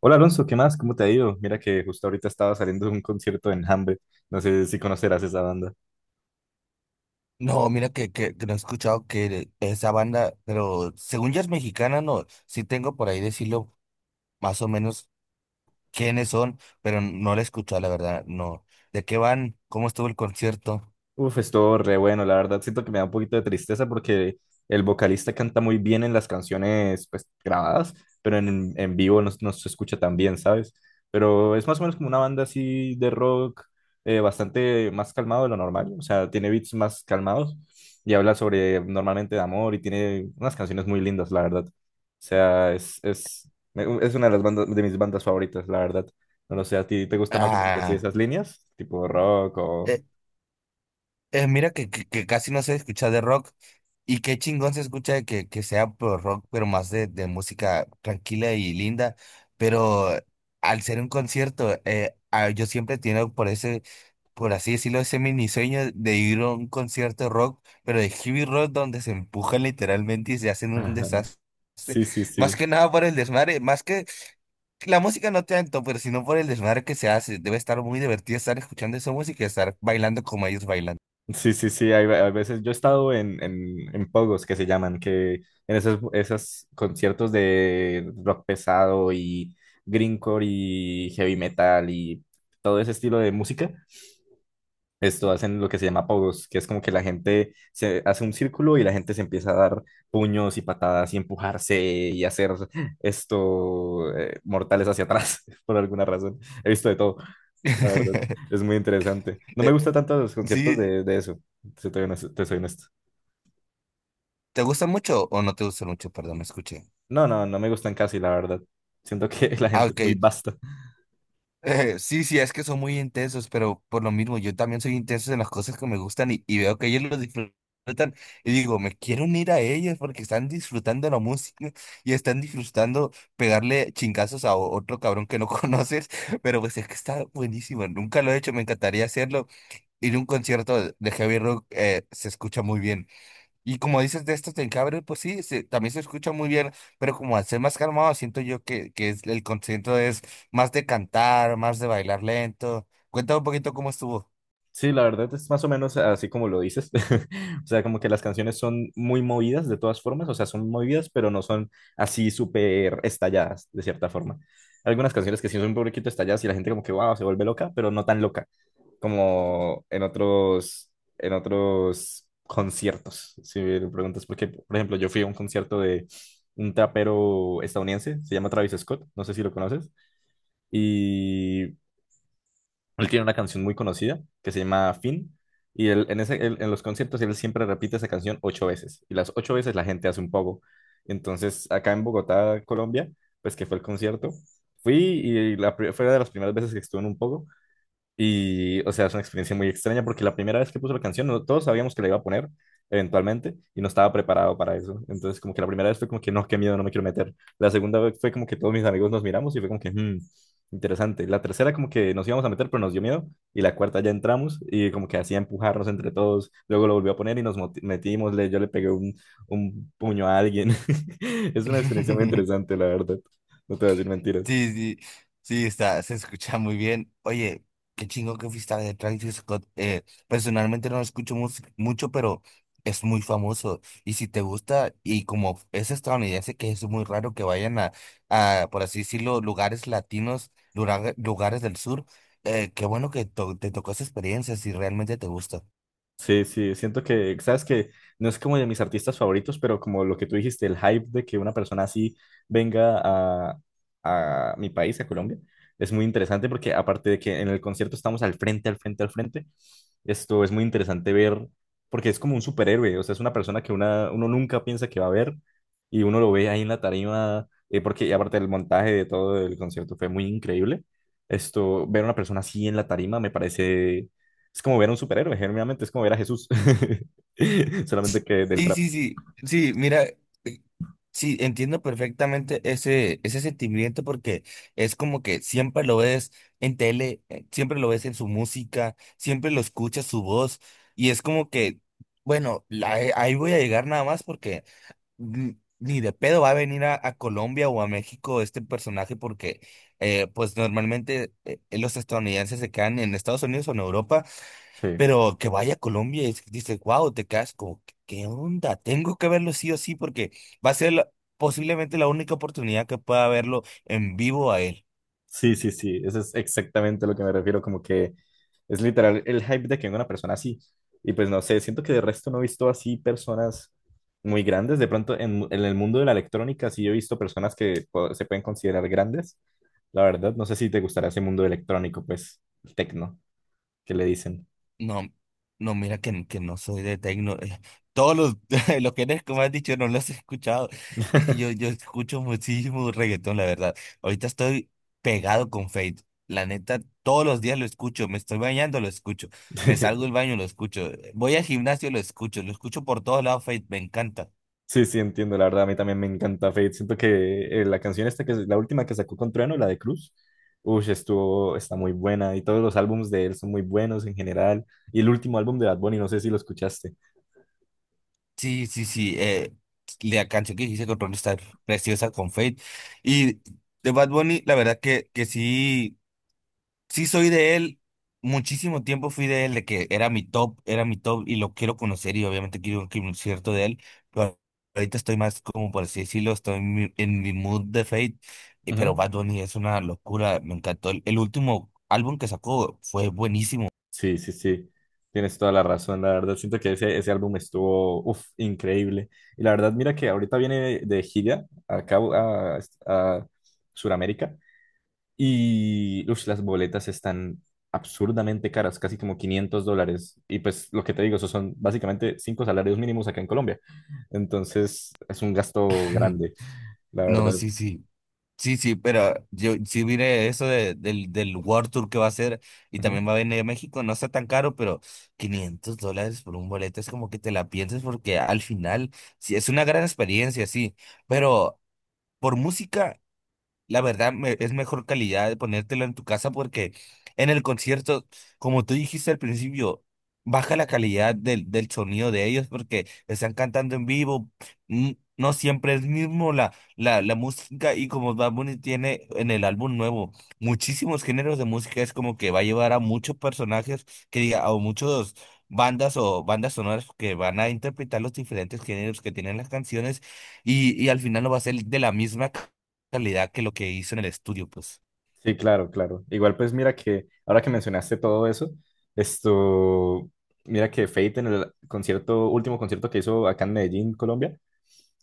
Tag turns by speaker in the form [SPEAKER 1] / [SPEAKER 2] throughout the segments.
[SPEAKER 1] Hola Alonso, ¿qué más? ¿Cómo te ha ido? Mira que justo ahorita estaba saliendo de un concierto en Hambre. No sé si conocerás esa banda.
[SPEAKER 2] No, mira que no he escuchado que esa banda, pero según ya es mexicana, no, sí tengo por ahí decirlo más o menos quiénes son, pero no la he escuchado, la verdad, no. ¿De qué van? ¿Cómo estuvo el concierto?
[SPEAKER 1] Uf, estuvo re bueno, la verdad siento que me da un poquito de tristeza porque el vocalista canta muy bien en las canciones pues grabadas, pero en vivo no, no se escucha tan bien, ¿sabes? Pero es más o menos como una banda así de rock bastante más calmado de lo normal, o sea, tiene beats más calmados y habla sobre normalmente de amor y tiene unas canciones muy lindas, la verdad. O sea, es una de las bandas, de mis bandas favoritas, la verdad. No lo sé, ¿a ti te gusta más o menos así
[SPEAKER 2] Ah,
[SPEAKER 1] esas líneas? Tipo rock o.
[SPEAKER 2] eh, mira que casi no se escucha de rock y qué chingón se escucha de que sea pro rock, pero más de música tranquila y linda. Pero al ser un concierto, yo siempre tengo por ese, por así decirlo, ese mini sueño de ir a un concierto de rock, pero de heavy rock donde se empujan literalmente y se hacen un desastre.
[SPEAKER 1] Sí, sí,
[SPEAKER 2] Más
[SPEAKER 1] sí.
[SPEAKER 2] que nada por el desmadre, más que la música no tanto, pero sino por el desmadre que se hace. Debe estar muy divertido estar escuchando esa música y estar bailando como ellos bailan.
[SPEAKER 1] Sí, sí, sí. Hay veces yo he estado en, en pogos que se llaman, que en esos conciertos de rock pesado y grindcore y heavy metal y todo ese estilo de música. Esto hacen lo que se llama pogos, que es como que la gente se hace un círculo y la gente se empieza a dar puños y patadas y empujarse y hacer esto mortales hacia atrás por alguna razón. He visto de todo. La verdad, es muy interesante. No me
[SPEAKER 2] Eh,
[SPEAKER 1] gusta tanto los conciertos
[SPEAKER 2] Sí,
[SPEAKER 1] de, eso, si te, soy honesto- te soy honesto.
[SPEAKER 2] ¿te gustan mucho o no te gustan mucho? Perdón, me escuché.
[SPEAKER 1] No, no, no me gustan casi, la verdad. Siento que la
[SPEAKER 2] Ah,
[SPEAKER 1] gente es
[SPEAKER 2] ok.
[SPEAKER 1] muy vasta.
[SPEAKER 2] Sí, sí, es que son muy intensos, pero por lo mismo, yo también soy intenso en las cosas que me gustan y veo que ellos lo disfrutan y digo, me quiero unir a ellos porque están disfrutando la música y están disfrutando pegarle chingazos a otro cabrón que no conoces, pero pues es que está buenísimo, nunca lo he hecho, me encantaría hacerlo. Ir a un concierto de heavy rock se escucha muy bien. Y como dices de estos del cabre, pues sí, también se escucha muy bien, pero como al ser más calmado, siento yo que el concierto es más de cantar, más de bailar lento. Cuéntame un poquito cómo estuvo.
[SPEAKER 1] Sí, la verdad es más o menos así como lo dices. O sea, como que las canciones son muy movidas de todas formas, o sea, son movidas, pero no son así súper estalladas, de cierta forma. Hay algunas canciones que sí son un poquito estalladas y la gente como que, wow, se vuelve loca, pero no tan loca como en otros conciertos. Si me preguntas, porque, por ejemplo, yo fui a un concierto de un trapero estadounidense, se llama Travis Scott, no sé si lo conoces, y él tiene una canción muy conocida que se llama Fin. Y él, en los conciertos él siempre repite esa canción ocho veces. Y las ocho veces la gente hace un poco. Entonces, acá en Bogotá, Colombia, pues que fue el concierto, fui y fue una de las primeras veces que estuve en un poco. Y, o sea, es una experiencia muy extraña porque la primera vez que puso la canción, no, todos sabíamos que la iba a poner eventualmente y no estaba preparado para eso. Entonces, como que la primera vez fue como que no, qué miedo, no me quiero meter. La segunda vez fue como que todos mis amigos nos miramos y fue como que, "Hmm, interesante". La tercera, como que nos íbamos a meter, pero nos dio miedo. Y la cuarta ya entramos y como que hacía empujarnos entre todos. Luego lo volvió a poner y nos metimos. Yo le pegué un puño a alguien. Es una experiencia muy interesante, la verdad. No te voy a decir mentiras.
[SPEAKER 2] Sí, sí, sí, está, se escucha muy bien. Oye, qué chingo que fuiste a ver Travis Scott. Personalmente no lo escucho mucho, pero es muy famoso. Y si te gusta, y como es estadounidense, que es muy raro que vayan a, por así decirlo, lugares latinos, lugares del sur. Qué bueno que te tocó esa experiencia, si realmente te gusta.
[SPEAKER 1] Sí, sí, siento que, sabes que no es como de mis artistas favoritos, pero como lo que tú dijiste, el hype de que una persona así venga a, a mi país, a Colombia, es muy interesante porque aparte de que en el concierto estamos al frente, al frente, al frente, esto es muy interesante ver porque es como un superhéroe, o sea, es una persona que uno nunca piensa que va a ver y uno lo ve ahí en la tarima, porque y aparte el montaje de todo el concierto fue muy increíble. Esto, ver a una persona así en la tarima me parece es como ver a un superhéroe, generalmente es como ver a Jesús. Solamente que del
[SPEAKER 2] Sí,
[SPEAKER 1] trap.
[SPEAKER 2] sí, sí, sí, mira. Sí, entiendo perfectamente ese sentimiento porque es como que siempre lo ves en tele, siempre lo ves en su música, siempre lo escuchas su voz y es como que, bueno, ahí voy a llegar nada más porque ni de pedo va a venir a, Colombia o a México este personaje porque pues normalmente los estadounidenses se quedan en Estados Unidos o en Europa,
[SPEAKER 1] Sí.
[SPEAKER 2] pero que vaya a Colombia y dices, wow, te quedas como, ¿qué onda? Tengo que verlo sí o sí porque va a ser posiblemente la única oportunidad que pueda verlo en vivo a él.
[SPEAKER 1] Sí, sí, sí. Eso es exactamente a lo que me refiero. Como que es literal el hype de que venga una persona así. Y pues no sé, siento que de resto no he visto así personas muy grandes. De pronto en, el mundo de la electrónica sí he visto personas que se pueden considerar grandes. La verdad, no sé si te gustará ese mundo electrónico, pues, el tecno, que le dicen.
[SPEAKER 2] No, no, mira que no soy de techno. Todos los, los géneros que me has dicho no los he escuchado. Es que yo escucho muchísimo reggaetón, la verdad. Ahorita estoy pegado con Fate. La neta, todos los días lo escucho. Me estoy bañando, lo escucho. Me salgo del baño, lo escucho. Voy al gimnasio, lo escucho. Lo escucho por todos lados, Fate. Me encanta.
[SPEAKER 1] Sí, sí, entiendo, la verdad, a mí también me encanta Fate. Siento que la canción esta, que es la última que sacó con Trueno, la de Cruz, uff, estuvo, está muy buena y todos los álbumes de él son muy buenos en general. Y el último álbum de Bad Bunny, no sé si lo escuchaste.
[SPEAKER 2] Sí, sí, sí. La canción que hice con Ron está preciosa con Fate. Y de Bad Bunny, la verdad que sí, sí soy de él. Muchísimo tiempo fui de él, de que era mi top y lo quiero conocer y obviamente quiero un concierto de él. Pero ahorita estoy más, como por así decirlo, estoy en mi mood de Fate. Pero
[SPEAKER 1] Ujú.
[SPEAKER 2] Bad Bunny es una locura, me encantó. El último álbum que sacó fue buenísimo.
[SPEAKER 1] Sí, sí, sí, tienes toda la razón, la verdad, siento que ese álbum estuvo, uff, increíble. Y la verdad, mira que ahorita viene de gira acá a Sudamérica. Y ush, las boletas están absurdamente caras, casi como $500. Y pues lo que te digo, esos son básicamente cinco salarios mínimos acá en Colombia. Entonces es un gasto grande, la
[SPEAKER 2] No,
[SPEAKER 1] verdad.
[SPEAKER 2] sí, sí. Sí, sí, pero yo sí miré eso del World Tour que va a hacer y
[SPEAKER 1] Ujú.
[SPEAKER 2] también va a venir a México, no está tan caro, pero $500 por un boleto es como que te la piensas porque al final sí es una gran experiencia, sí, pero por música la verdad, es mejor calidad de ponértelo en tu casa porque en el concierto, como tú dijiste al principio, baja la calidad del sonido de ellos porque están cantando en vivo. mm, No siempre es mismo la música y como Bad Bunny tiene en el álbum nuevo muchísimos géneros de música, es como que va a llevar a muchos personajes que diga, o muchos bandas o bandas sonoras que van a interpretar los diferentes géneros que tienen las canciones y al final no va a ser de la misma calidad que lo que hizo en el estudio, pues.
[SPEAKER 1] Sí, claro, claro. Igual pues mira que ahora que mencionaste todo eso, esto, mira que Fate en el concierto, último concierto que hizo acá en Medellín, Colombia.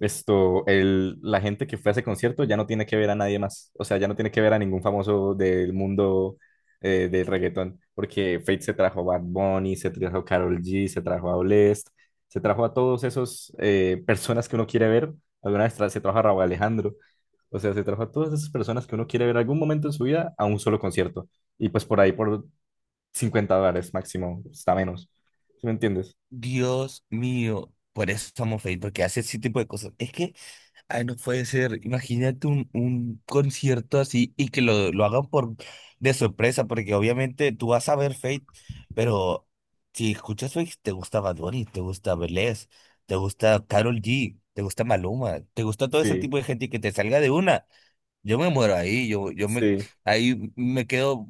[SPEAKER 1] Esto, el, la gente que fue a ese concierto ya no tiene que ver a nadie más. O sea, ya no tiene que ver a ningún famoso del mundo del reggaetón. Porque Fate se trajo a Bad Bunny, se trajo a Karol G, se trajo a Blest, se trajo a todos esos personas que uno quiere ver. Alguna vez se trajo a Raúl Alejandro. O sea, se trajo a todas esas personas que uno quiere ver algún momento en su vida a un solo concierto. Y pues por ahí por $50 máximo, está menos. ¿Sí me entiendes?
[SPEAKER 2] Dios mío, por eso estamos felices, porque hace ese tipo de cosas. Es que, ay, no puede ser. Imagínate un concierto así y que lo hagan por de sorpresa, porque obviamente tú vas a ver Fate, pero si escuchas Fate, te gusta Bad Bunny, te gusta Belés, te gusta Karol G, te gusta Maluma, te gusta todo ese
[SPEAKER 1] Sí,
[SPEAKER 2] tipo de gente y que te salga de una. Yo me muero ahí,
[SPEAKER 1] sí.
[SPEAKER 2] ahí me quedo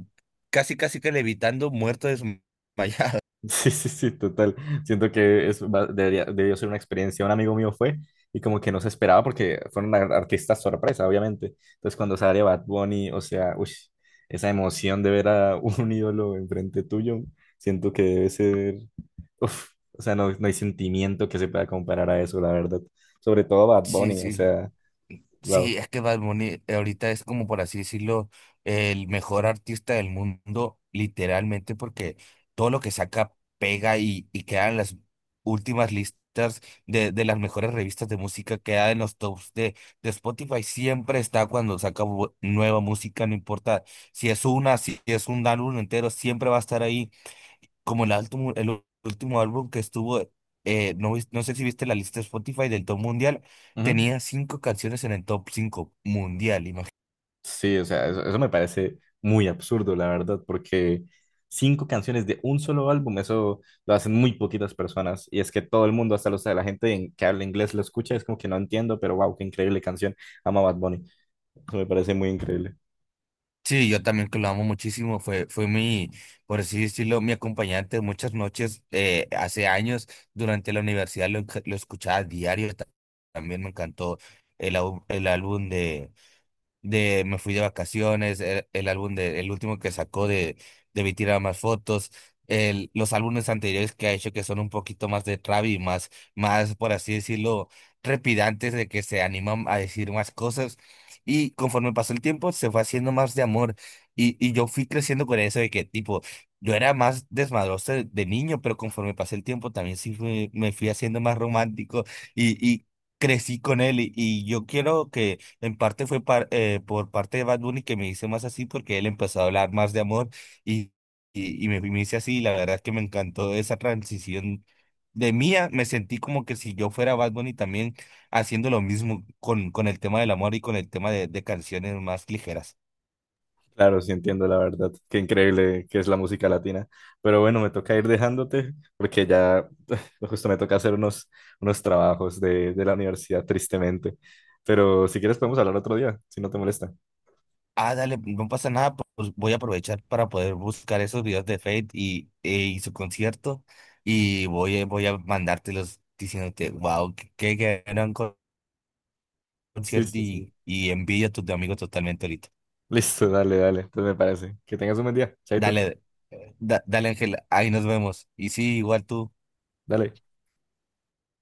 [SPEAKER 2] casi, casi que levitando, muerto, desmayado.
[SPEAKER 1] Sí, sí, sí, total. Siento que debería, debió ser una experiencia. Un amigo mío fue y como que no se esperaba porque fueron artistas sorpresa, obviamente. Entonces cuando sale Bad Bunny, o sea, uy, esa emoción de ver a un ídolo enfrente tuyo, siento que debe ser, uf, o sea, no hay sentimiento que se pueda comparar a eso, la verdad. Sobre todo Bad
[SPEAKER 2] Sí,
[SPEAKER 1] Bunny, o
[SPEAKER 2] sí,
[SPEAKER 1] sea, wow.
[SPEAKER 2] sí, es que Bad Bunny ahorita es como por así decirlo, el mejor artista del mundo, literalmente, porque todo lo que saca pega y queda en las últimas listas de las mejores revistas de música, queda en los tops de Spotify, siempre está cuando saca nueva música, no importa si es una, si es un álbum entero, siempre va a estar ahí como el último álbum que estuvo. No, no sé si viste la lista de Spotify del top mundial, tenía cinco canciones en el top 5 mundial, imagínate.
[SPEAKER 1] Sí, o sea, eso me parece muy absurdo, la verdad, porque cinco canciones de un solo álbum, eso lo hacen muy poquitas personas. Y es que todo el mundo, hasta la gente que habla inglés lo escucha, es como que no entiendo, pero wow, qué increíble canción. Ama Bad Bunny. Eso me parece muy increíble.
[SPEAKER 2] Sí, yo también que lo amo muchísimo, fue mi, por así decirlo, mi acompañante de muchas noches, hace años, durante la universidad lo escuchaba diario, también me encantó el álbum de Me fui de vacaciones, el álbum de, el último que sacó de, Vi tirar más fotos, los álbumes anteriores que ha hecho que son un poquito más de trap y más, más, por así decirlo, trepidantes de que se animan a decir más cosas. Y conforme pasó el tiempo, se fue haciendo más de amor. Y yo fui creciendo con eso de que, tipo, yo era más desmadroso de niño, pero conforme pasé el tiempo también sí me fui haciendo más romántico y crecí con él. Y yo quiero que en parte fue por parte de Bad Bunny que me hice más así porque él empezó a hablar más de amor y, y me hice así. Y la verdad es que me encantó esa transición de mía. Me sentí como que si yo fuera Bad Bunny también haciendo lo mismo con el tema del amor y con el tema de canciones más ligeras.
[SPEAKER 1] Claro, sí entiendo, la verdad, qué increíble que es la música latina. Pero bueno, me toca ir dejándote, porque ya justo me toca hacer unos trabajos de, la universidad, tristemente. Pero si quieres podemos hablar otro día, si no te molesta.
[SPEAKER 2] Ah, dale, no pasa nada, pues voy a aprovechar para poder buscar esos videos de Fate y su concierto y voy a mandártelos diciéndote, wow, qué gran
[SPEAKER 1] Sí,
[SPEAKER 2] concierto
[SPEAKER 1] sí,
[SPEAKER 2] y,
[SPEAKER 1] sí.
[SPEAKER 2] y envidia a tus amigos totalmente ahorita.
[SPEAKER 1] Listo, dale, dale. Entonces me parece. Que tengas un buen día. Chaito.
[SPEAKER 2] Dale, dale Ángel, ahí nos vemos. Y sí, igual tú.
[SPEAKER 1] Dale.